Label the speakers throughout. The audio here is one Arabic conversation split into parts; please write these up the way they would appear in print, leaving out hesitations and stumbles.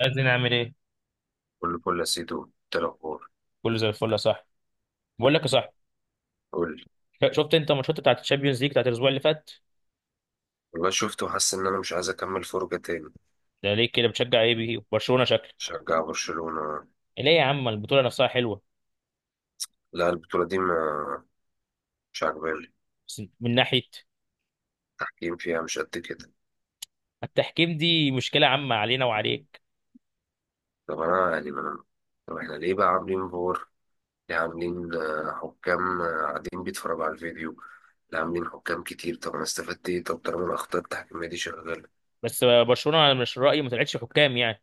Speaker 1: عايزين نعمل ايه؟
Speaker 2: كل فل يا سيدو، إنت الأخبار؟
Speaker 1: كله زي الفل يا صاحبي. بقول لك يا صاحبي،
Speaker 2: قول لي.
Speaker 1: شفت انت ماتشات بتاعت الشامبيونز ليج بتاعت الاسبوع اللي فات؟
Speaker 2: والله شفت، وحاسس إن أنا مش عايز أكمل فرجة تاني.
Speaker 1: ده ليه كده؟ بتشجع ايه بيه؟ برشلونه شكلك.
Speaker 2: شجع برشلونة؟
Speaker 1: ليه يا عم؟ البطوله نفسها حلوه،
Speaker 2: لا، البطولة دي ما مش عاجباني.
Speaker 1: بس من ناحيه.
Speaker 2: التحكيم فيها مش قد كده.
Speaker 1: التحكيم دي مشكله عامه علينا وعليك.
Speaker 2: طب أنا يعني ما طب إحنا ليه بقى عاملين فور؟ ليه عاملين حكام، قاعدين بيتفرجوا على الفيديو؟ ليه عاملين حكام كتير؟ طب أنا استفدت إيه؟ طب طالما الأخطاء التحكيمية دي شغالة.
Speaker 1: بس برشلونه انا مش رايي ما طلعتش حكام يعني.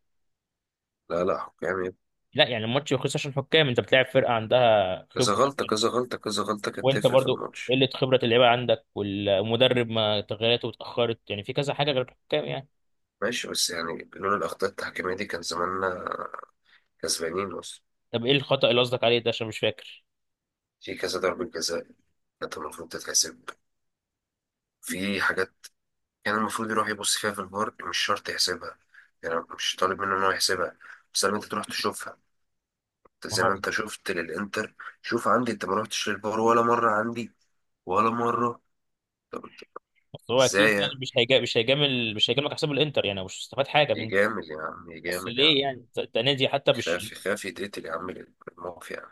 Speaker 2: لا، لا، حكام يا ابني.
Speaker 1: لا يعني الماتش يخلص عشان حكام، انت بتلاعب فرقه عندها
Speaker 2: كذا
Speaker 1: خبره
Speaker 2: غلطة،
Speaker 1: أكتر.
Speaker 2: كذا غلطة، كذا غلطة كانت
Speaker 1: وانت
Speaker 2: تفرق في
Speaker 1: برضو
Speaker 2: الماتش.
Speaker 1: قله خبره اللعيبه عندك، والمدرب ما تغيراته اتاخرت، يعني في كذا حاجه غير الحكام يعني.
Speaker 2: ماشي، بس يعني لولا الأخطاء التحكيمية دي كان زماننا كسبانين أصلا.
Speaker 1: طب ايه الخطا اللي قصدك عليه ده؟ عشان مش فاكر.
Speaker 2: في كذا ضربة جزاء كانت المفروض تتحسب. في حاجات كان المفروض يروح يبص فيها في الفار، مش شرط يحسبها. يعني أنا مش طالب منه إن هو يحسبها، بس لما أنت تروح تشوفها. أنت زي ما أنت شفت للإنتر. شوف عندي، أنت ما رحتش للفار ولا مرة عندي، ولا مرة. طب أنت،
Speaker 1: بس هو
Speaker 2: إزاي
Speaker 1: اكيد يعني
Speaker 2: يعني؟
Speaker 1: مش هيجاملك حساب الانتر، يعني مش هستفاد حاجه من
Speaker 2: يجامل يا عم،
Speaker 1: اصل.
Speaker 2: يجامل يا
Speaker 1: ليه
Speaker 2: عم.
Speaker 1: يعني؟ انت نادي حتى مش.
Speaker 2: يخاف يتقتل يا عم الموقف يعني.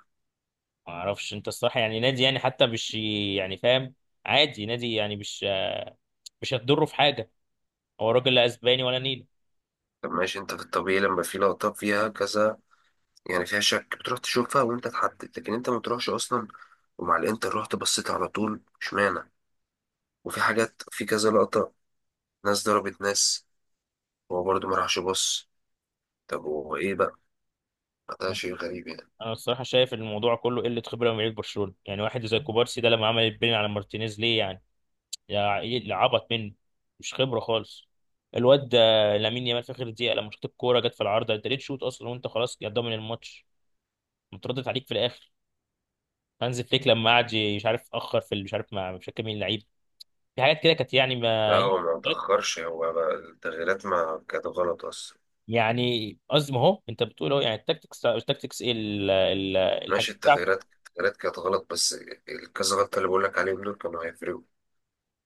Speaker 1: ما اعرفش انت الصراحه، يعني نادي يعني حتى مش يعني فاهم. عادي نادي يعني مش هتضره في حاجه. هو راجل لا اسباني ولا نيل.
Speaker 2: طب ماشي، أنت في الطبيعي لما في لقطة فيها كذا، يعني فيها شك، بتروح تشوفها وأنت تحدد، لكن أنت ما تروحش أصلا. ومع الإنتر رحت بصيت على طول، اشمعنى؟ وفي حاجات، في كذا لقطة، ناس ضربت ناس، هو برضه ما راحش يبص. طب هو ايه بقى؟ ده شيء غريب يعني.
Speaker 1: انا الصراحه شايف إن الموضوع كله قله خبره من لعيبه برشلونه. يعني واحد زي كوبارسي ده لما عمل البين على مارتينيز، ليه يعني؟ يا إيه، عبط منه؟ مش خبره خالص الواد ده. لامين يامال في اخر دقيقه لما شاط الكوره جت في العارضه، انت ليه تشوط اصلا وانت خلاص يا ضامن الماتش متردد عليك في الاخر؟ هانز فليك لما قعد، مش عارف اخر في مش عارف مع مش فاكر مين اللعيب. في حاجات كده كانت يعني
Speaker 2: لا،
Speaker 1: ما.
Speaker 2: هو ما تأخرش، هو بقى التغييرات ما كانت غلط أصلا.
Speaker 1: يعني قصدي ما هو انت بتقول اهو، يعني التكتكس التكتكس ايه الحاجات
Speaker 2: ماشي،
Speaker 1: بتاعته.
Speaker 2: التغييرات كانت غلط، بس الكذا غلطة اللي بقول لك عليهم دول كانوا هيفرقوا.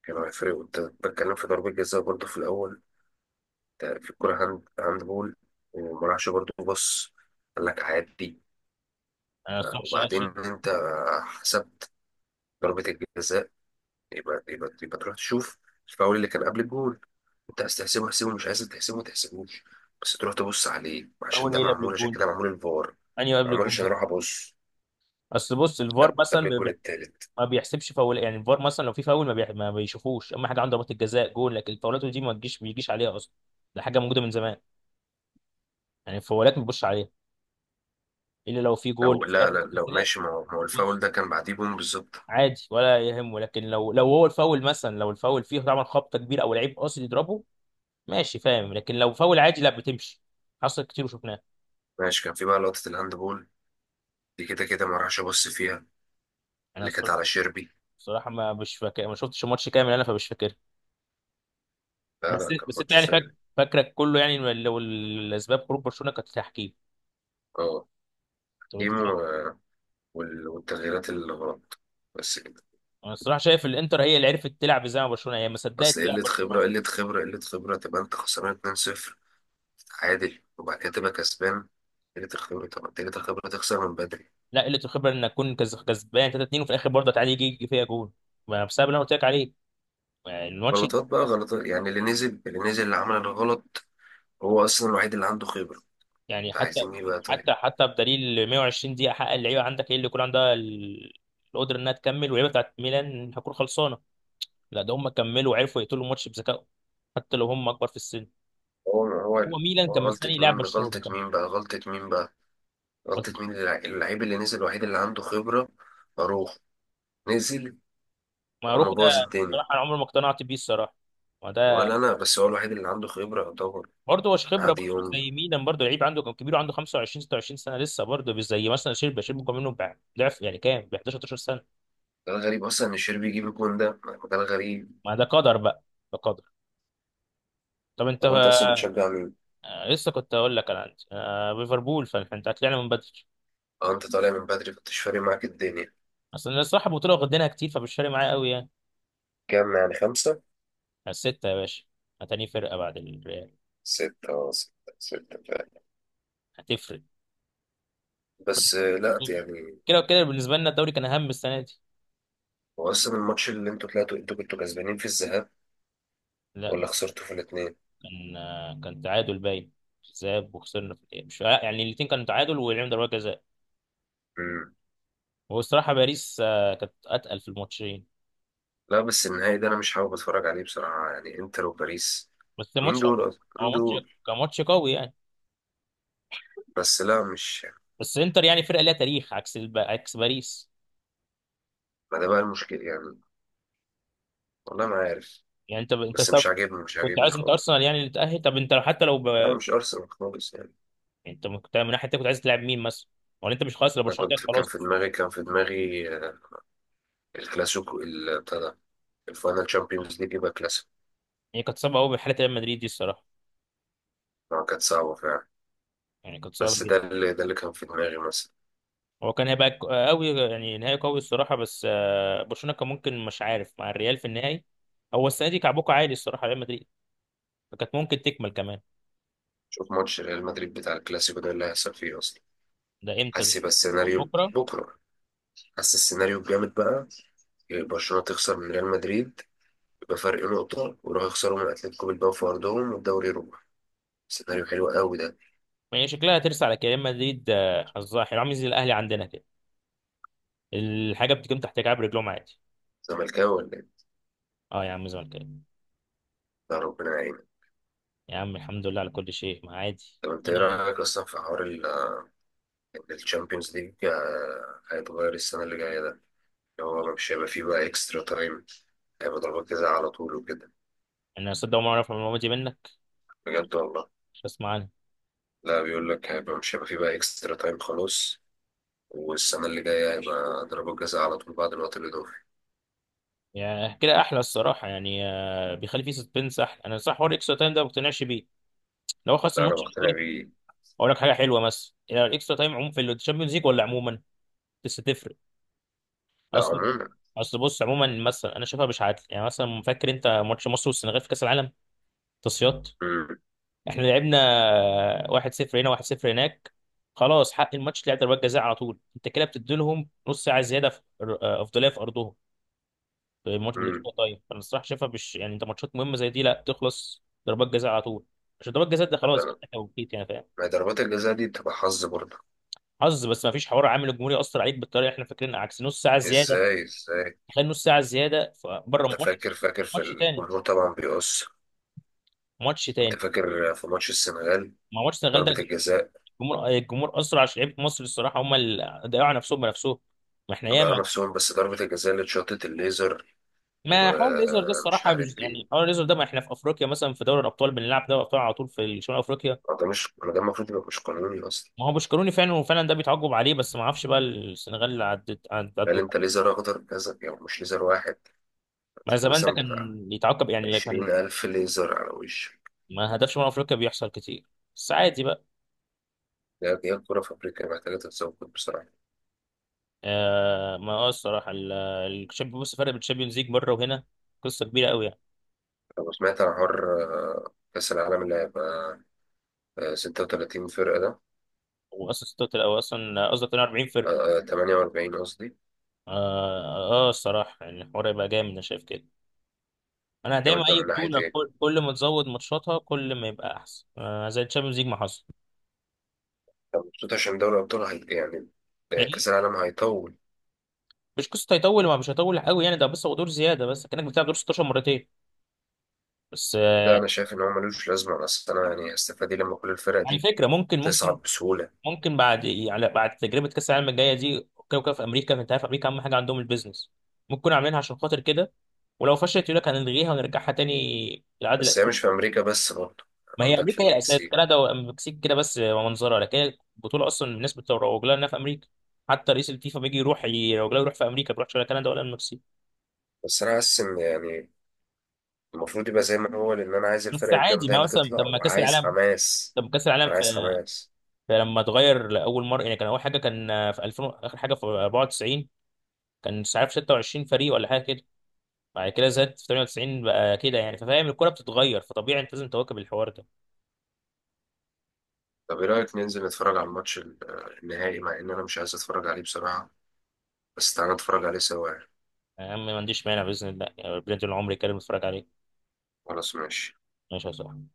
Speaker 2: كانوا هيفرقوا. انت بتكلم في ضربة جزاء برضه في الأول، ده في الكورة هاند بول، وما راحش برضه بص، قال لك عادي.
Speaker 1: انا صح
Speaker 2: وبعدين
Speaker 1: شاشه.
Speaker 2: انت حسبت ضربة الجزاء، يبقى تروح تشوف الفاول اللي كان قبل الجول. انت عايز تحسبه احسبه، مش عايز تحسبه ما تحسبوش، بس تروح تبص عليه، عشان
Speaker 1: فاول
Speaker 2: ده
Speaker 1: ايه قبل
Speaker 2: معمول، عشان
Speaker 1: الجون؟
Speaker 2: كده معمول الفار.
Speaker 1: انهي قبل
Speaker 2: معمول
Speaker 1: الجون
Speaker 2: عشان اروح
Speaker 1: بس؟
Speaker 2: ابص
Speaker 1: اصل بص الفار
Speaker 2: قبل
Speaker 1: مثلا
Speaker 2: الجول التالت.
Speaker 1: ما بيحسبش فاول. يعني الفار مثلا لو في فاول ما، ما بيشوفوش، اما حاجه عنده ضربات الجزاء جول، لكن الفاولات دي ما تجيش، ما بيجيش عليها اصلا. ده حاجه موجوده من زمان. يعني الفاولات ما بيبصش عليها الا لو في جول في
Speaker 2: لا، لا،
Speaker 1: ضربه
Speaker 2: لو
Speaker 1: جزاء.
Speaker 2: ماشي، ما هو الفاول
Speaker 1: بص
Speaker 2: ده كان بعديه بوم بالظبط.
Speaker 1: عادي ولا يهمه، لكن لو هو الفاول مثلا، لو الفاول فيه طبعا خبطه كبيره او لعيب قاصد يضربه، ماشي فاهم. لكن لو فاول عادي لا بتمشي. حصل كتير وشفناه.
Speaker 2: ماشي، كان في بقى لقطة الهاند بول دي، كده كده ما راحش ابص فيها،
Speaker 1: انا
Speaker 2: اللي كانت على شيربي.
Speaker 1: الصراحه ما مش فاكر، ما شفتش الماتش كامل انا فمش فاكر.
Speaker 2: لا، لا،
Speaker 1: بس
Speaker 2: كان
Speaker 1: بس انت
Speaker 2: ماتش
Speaker 1: يعني
Speaker 2: سيء.
Speaker 1: فاكر، فاكرك كله يعني لو الاسباب خروج برشلونه كانت تحكيم.
Speaker 2: اه،
Speaker 1: طب انت
Speaker 2: ايمو
Speaker 1: شايف؟
Speaker 2: والتغييرات اللي غلط، بس كده.
Speaker 1: انا الصراحه شايف الانتر هي اللي عرفت تلعب، زي ما برشلونه هي ما
Speaker 2: اصل
Speaker 1: صدقت تلعب
Speaker 2: قلة
Speaker 1: برشلونه
Speaker 2: خبرة،
Speaker 1: اصلا.
Speaker 2: قلة خبرة، قلة خبرة، تبقى انت خسران 2-0، عادل، وبعد كده تبقى كسبان؟ تجري الخبرة، طبعا تجري الخبرة، تخسر من بدري.
Speaker 1: لا قله الخبره انك تكون كسبان 3-2 وفي الاخر برضه تعادل، يجي فيها جون. ما بسبب اللي انا قلت لك عليه يعني الماتش.
Speaker 2: غلطات بقى، غلطات يعني. اللي نزل اللي عمل الغلط هو أصلا الوحيد اللي عنده خبرة.
Speaker 1: يعني
Speaker 2: انت
Speaker 1: حتى
Speaker 2: عايزين ايه بقى طيب؟
Speaker 1: حتى حتى بدليل 120 دقيقة حق اللعيبة عندك هي اللي يكون عندها القدرة إنها تكمل، واللعيبة بتاعت ميلان هتكون خلصانة. لا ده هم كملوا وعرفوا يقتلوا الماتش بذكائهم، حتى لو هم أكبر في السن.
Speaker 2: هو هو
Speaker 1: هو ميلان
Speaker 2: هو
Speaker 1: كان
Speaker 2: غلطة
Speaker 1: مستني لاعب
Speaker 2: مين،
Speaker 1: برشلونة
Speaker 2: غلطة مين بقى، غلطة مين بقى؟ غلطة
Speaker 1: كمان،
Speaker 2: مين؟ اللعيب اللي نزل الوحيد اللي عنده خبرة، أروح نزل
Speaker 1: معروف
Speaker 2: وقام
Speaker 1: ده.
Speaker 2: باظ الدنيا.
Speaker 1: الصراحة أنا عمري ما اقتنعت بيه الصراحة. ما ده
Speaker 2: ولا أنا، بس هو الوحيد اللي عنده خبرة يعتبر.
Speaker 1: برضه هو خبرة،
Speaker 2: قعد
Speaker 1: برضه مش
Speaker 2: يوم.
Speaker 1: زي ميلان. برضه لعيب عنده كان كبير، عنده 25 26 سنة لسه، برضه مش زي مثلا شيربي. شيربي كان منه ضعف يعني، كام ب 11 12 سنة.
Speaker 2: ده الغريب أصلا، إن الشربي يجيب الجون ده، ده الغريب.
Speaker 1: ما ده قدر بقى، ده قدر. طب انت؟
Speaker 2: طب أنت أصلا بتشجع مين؟
Speaker 1: لسه كنت اقول لك انا عندي، ليفربول، فاحنا طلعنا من بدري.
Speaker 2: أه، أنت طالع من بدري، فمش فارق معاك الدنيا.
Speaker 1: اصل أنا الصراحه البطوله واخدينها كتير فمش فارق معايا قوي يعني.
Speaker 2: كام يعني، خمسة؟
Speaker 1: على السته يا باشا، هتاني فرقه بعد الريال.
Speaker 2: ستة، اه، ستة. ستة فعلا.
Speaker 1: هتفرق
Speaker 2: بس لا، يعني.
Speaker 1: كده وكده، بالنسبه لنا الدوري كان اهم السنه دي.
Speaker 2: هو أصلا الماتش اللي انتوا طلعتوا، انتوا كنتوا كسبانين في الذهاب، ولا
Speaker 1: لا
Speaker 2: خسرتوا في الاتنين؟
Speaker 1: كان، كان تعادل باين ذهاب وخسرنا في الإيه. مش يعني الاثنين كانوا تعادل ولعبنا ضربات جزاء.
Speaker 2: مم.
Speaker 1: هو الصراحه باريس كانت اتقل في الماتشين.
Speaker 2: لا، بس النهائي ده أنا مش حابب أتفرج عليه بصراحة، يعني إنتر وباريس،
Speaker 1: بس
Speaker 2: مين
Speaker 1: الماتش،
Speaker 2: دول أصلا؟ مين
Speaker 1: هو ماتش،
Speaker 2: دول؟
Speaker 1: كان ماتش قوي يعني.
Speaker 2: بس لا، مش.
Speaker 1: بس انتر يعني فرقه ليها تاريخ، عكس عكس باريس.
Speaker 2: ما ده بقى المشكلة يعني، والله ما عارف.
Speaker 1: يعني انت
Speaker 2: بس مش عاجبني، مش
Speaker 1: كنت
Speaker 2: عاجبني
Speaker 1: عايز انت
Speaker 2: خالص.
Speaker 1: ارسنال يعني اللي تاهل؟ طب انت حتى لو ب.
Speaker 2: أنا
Speaker 1: يعني
Speaker 2: مش أرسنال خالص يعني.
Speaker 1: انت كنت من ناحيه تانية، كنت عايز تلعب مين مثلا؟ ولا انت مش خلاص لو
Speaker 2: أنا
Speaker 1: برشلونه كانت
Speaker 2: كان
Speaker 1: خلاص
Speaker 2: في
Speaker 1: مش.
Speaker 2: دماغي كان في دماغي الكلاسيكو بتاع ده، الفاينل تشامبيونز ليج يبقى كلاسيكو.
Speaker 1: يعني كانت صعبه قوي بحاله ريال مدريد دي الصراحه.
Speaker 2: كانت صعبة فعلا.
Speaker 1: يعني كانت صعبه
Speaker 2: بس
Speaker 1: جدا.
Speaker 2: ده اللي، كان في دماغي مثلا.
Speaker 1: هو كان هيبقى قوي يعني، نهائي قوي الصراحه، بس برشلونه كان ممكن، مش عارف، مع الريال في النهائي. هو السنه دي كعبوكه عالي الصراحه ريال مدريد، فكانت ممكن تكمل كمان.
Speaker 2: شوف ماتش ريال مدريد بتاع الكلاسيكو ده اللي هيحصل فيه اصلا،
Speaker 1: ده امتى ده؟
Speaker 2: حاسس يبقى السيناريو.
Speaker 1: بكره.
Speaker 2: بكره؟ حاسس السيناريو الجامد بقى، برشلونه تخسر من ريال مدريد بفرق نقطه، ويروحوا يخسروا من اتلتيكو بالباو في ارضهم، والدوري يروح. سيناريو حلو قوي ده.
Speaker 1: يعني شكلها هترسى على كده ريال مدريد. حظها حلو عامل زي الاهلي عندنا كده، الحاجه بتكون تحت كعب رجلهم عادي.
Speaker 2: زملكاوي ولا ايه؟
Speaker 1: اه يا عم زملكاوي.
Speaker 2: يا ربنا يعينك.
Speaker 1: يا عم الحمد لله على كل شيء، ما عادي.
Speaker 2: طب انت ايه رايك اصلا في حوار ان الشامبيونز ليج هيتغير السنه اللي جايه ده، اللي هو مش هيبقى فيه بقى اكسترا تايم، هيبقى ضربات جزاء على طول وكده؟
Speaker 1: يعني انا صدق ما اعرف المعلومه دي منك،
Speaker 2: بجد، والله.
Speaker 1: مش هسمع عنها.
Speaker 2: لا، بيقول لك مش هيبقى فيه بقى اكسترا تايم خلاص، والسنة اللي جاية هيبقى ضربة جزاء على طول بعد الوقت الإضافي.
Speaker 1: يعني كده احلى الصراحه يعني، بيخلي فيه سسبنس احلى. انا صح حوار الاكسترا تايم ده ما بقتنعش بيه، لو خلاص
Speaker 2: لا، أنا
Speaker 1: الماتش بالنسبة
Speaker 2: مقتنع
Speaker 1: لي،
Speaker 2: بيه.
Speaker 1: اقول لك حاجه حلوه. مثلا يعني الاكسترا تايم عموما في الشامبيونز ليج ولا عموما لسه تفرق؟
Speaker 2: لا،
Speaker 1: اصل
Speaker 2: عموما.
Speaker 1: اصل بص عموما، مثلا انا شايفها مش عادل. يعني مثلا فاكر انت ماتش مصر والسنغال في كاس العالم تصفيات؟
Speaker 2: مم.
Speaker 1: احنا لعبنا 1-0 هنا 1-0 هناك، خلاص حق الماتش لعب ضربات جزاء على طول. انت كده بتدي لهم نص ساعه زياده في افضليه في ارضهم. الماتش
Speaker 2: مم.
Speaker 1: بالاكسترا تايم انا الصراحه شايفها مش يعني، انت ماتشات مهمه زي دي لا تخلص ضربات جزاء على طول. عشان ضربات جزاء ده خلاص
Speaker 2: ده-
Speaker 1: بتاع توقيت يعني فاهم.
Speaker 2: ما هي ضربات الجزاء دي بتبقى حظ برضه.
Speaker 1: حظ، بس ما فيش حوار عامل. الجمهور ياثر عليك بالطريقه اللي احنا فاكرينها، عكس نص ساعه زياده.
Speaker 2: ازاي؟ ازاي؟
Speaker 1: تخيل نص ساعه زياده بره
Speaker 2: انت
Speaker 1: ماتش.
Speaker 2: فاكر، في
Speaker 1: ماتش تاني
Speaker 2: الجمهور طبعا بيقص.
Speaker 1: ماتش
Speaker 2: انت
Speaker 1: تاني
Speaker 2: فاكر في ماتش السنغال،
Speaker 1: ما ماتش السنغال ده،
Speaker 2: ضربة الجزاء؟
Speaker 1: الجمهور اثر عشان لعيبه مصر الصراحه هم اللي ضيعوا على نفسهم بنفسهم. ما احنا
Speaker 2: ضيعوا
Speaker 1: ياما.
Speaker 2: نفسهم، بس ضربة الجزاء اللي اتشاطت الليزر
Speaker 1: ما حوار الليزر ده
Speaker 2: ومش
Speaker 1: الصراحه مش
Speaker 2: عارف ايه،
Speaker 1: يعني، حوار الليزر ده، ما احنا في افريقيا مثلا، في دوري الابطال بنلعب دوري الابطال على طول في شمال افريقيا.
Speaker 2: ده مش، ده المفروض يبقى مش قانوني اصلا.
Speaker 1: ما هو بوشكروني فعلا، وفعلا ده بيتعاقب عليه، بس ما اعرفش بقى السنغال اللي عدت
Speaker 2: قال،
Speaker 1: عدوا.
Speaker 2: انت ليزر اخضر كذا، يعني مش ليزر واحد،
Speaker 1: ما زمان ده
Speaker 2: مثلا
Speaker 1: كان
Speaker 2: بتاع
Speaker 1: يتعاقب، يعني اللي
Speaker 2: عشرين
Speaker 1: كان
Speaker 2: ألف ليزر على وشك.
Speaker 1: ما هدفش. من افريقيا بيحصل كتير بس عادي بقى.
Speaker 2: لا، دي الكورة في أفريقيا محتاجة تتظبط بصراحة.
Speaker 1: آه ما هو الصراحه الشامبيون، بص فرق بين الشامبيونز ليج بره وهنا، قصه كبيره قوي يعني.
Speaker 2: أنا سمعت عن حوار، كأس العالم اللي هيبقى 36 فرقة ده.
Speaker 1: هو اصلا 46 او اصلا قصدي 42 فرق.
Speaker 2: 48 قصدي.
Speaker 1: اه اه الصراحه يعني الحوار يبقى جامد، انا شايف كده. انا دايما
Speaker 2: جامد بقى
Speaker 1: اي
Speaker 2: من ناحية
Speaker 1: بطوله
Speaker 2: إيه؟
Speaker 1: كل ما تزود ماتشاتها كل ما يبقى احسن، آه زي الشامبيونز ليج ما حصل.
Speaker 2: أنا مبسوط عشان دوري الأبطال، هي يعني،
Speaker 1: إيه؟
Speaker 2: كأس العالم هيطول.
Speaker 1: مش قصه هيطول، ما مش هيطول قوي يعني. ده بس هو دور زياده، بس كانك بتلعب دور 16 مرتين بس.
Speaker 2: لا، أنا شايف إن هو ملوش لازمة، أصل أنا يعني هستفاد إيه لما كل الفرق
Speaker 1: على
Speaker 2: دي
Speaker 1: فكره ممكن،
Speaker 2: تصعد بسهولة؟
Speaker 1: بعد يعني بعد تجربه كاس العالم الجايه دي كده وكده في امريكا، انت عارف امريكا اهم حاجه عندهم البيزنس، ممكن يكونوا عاملينها عشان خاطر كده. ولو فشلت يقول لك هنلغيها ونرجعها تاني للعادة
Speaker 2: بس هي مش
Speaker 1: الأساسية.
Speaker 2: في أمريكا بس برضه،
Speaker 1: ما هي
Speaker 2: عندك في
Speaker 1: أمريكا هي الأساس،
Speaker 2: المكسيك.
Speaker 1: كندا والمكسيك كده بس منظرة، لكن البطولة أصلا الناس بتروج لها إنها في أمريكا. حتى رئيس الفيفا بيجي يروح يروج لها، يروح في أمريكا، ما بيروحش ولا كندا ولا المكسيك.
Speaker 2: بس أنا حاسس إن يعني المفروض يبقى زي ما هو، لان انا عايز
Speaker 1: بس
Speaker 2: الفرق
Speaker 1: عادي،
Speaker 2: الجامده هي
Speaker 1: ما
Speaker 2: اللي
Speaker 1: مثلا
Speaker 2: تطلع،
Speaker 1: لما كأس
Speaker 2: وعايز
Speaker 1: العالم
Speaker 2: حماس،
Speaker 1: لما كأس العالم
Speaker 2: انا
Speaker 1: في
Speaker 2: عايز حماس.
Speaker 1: فلما اتغير لاول مره يعني كان اول حاجه، كان في 2000 اخر حاجه في 94، كان مش عارف 26 فريق ولا حاجه كده. بعد كده زاد في 98 بقى كده يعني، ففاهم الكوره بتتغير، فطبيعي انت لازم تواكب الحوار ده.
Speaker 2: طب ايه رايك ننزل نتفرج على الماتش النهائي، مع ان انا مش عايز اتفرج عليه بصراحه، بس تعالى نتفرج عليه سوا يعني.
Speaker 1: يا عم ما عنديش مانع باذن الله يعني، ربنا يطول عمري كده بتفرج عليه.
Speaker 2: خلاص، ماشي.
Speaker 1: ماشي يا صاحبي.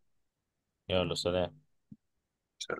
Speaker 1: يلا، سلام.
Speaker 2: سلام.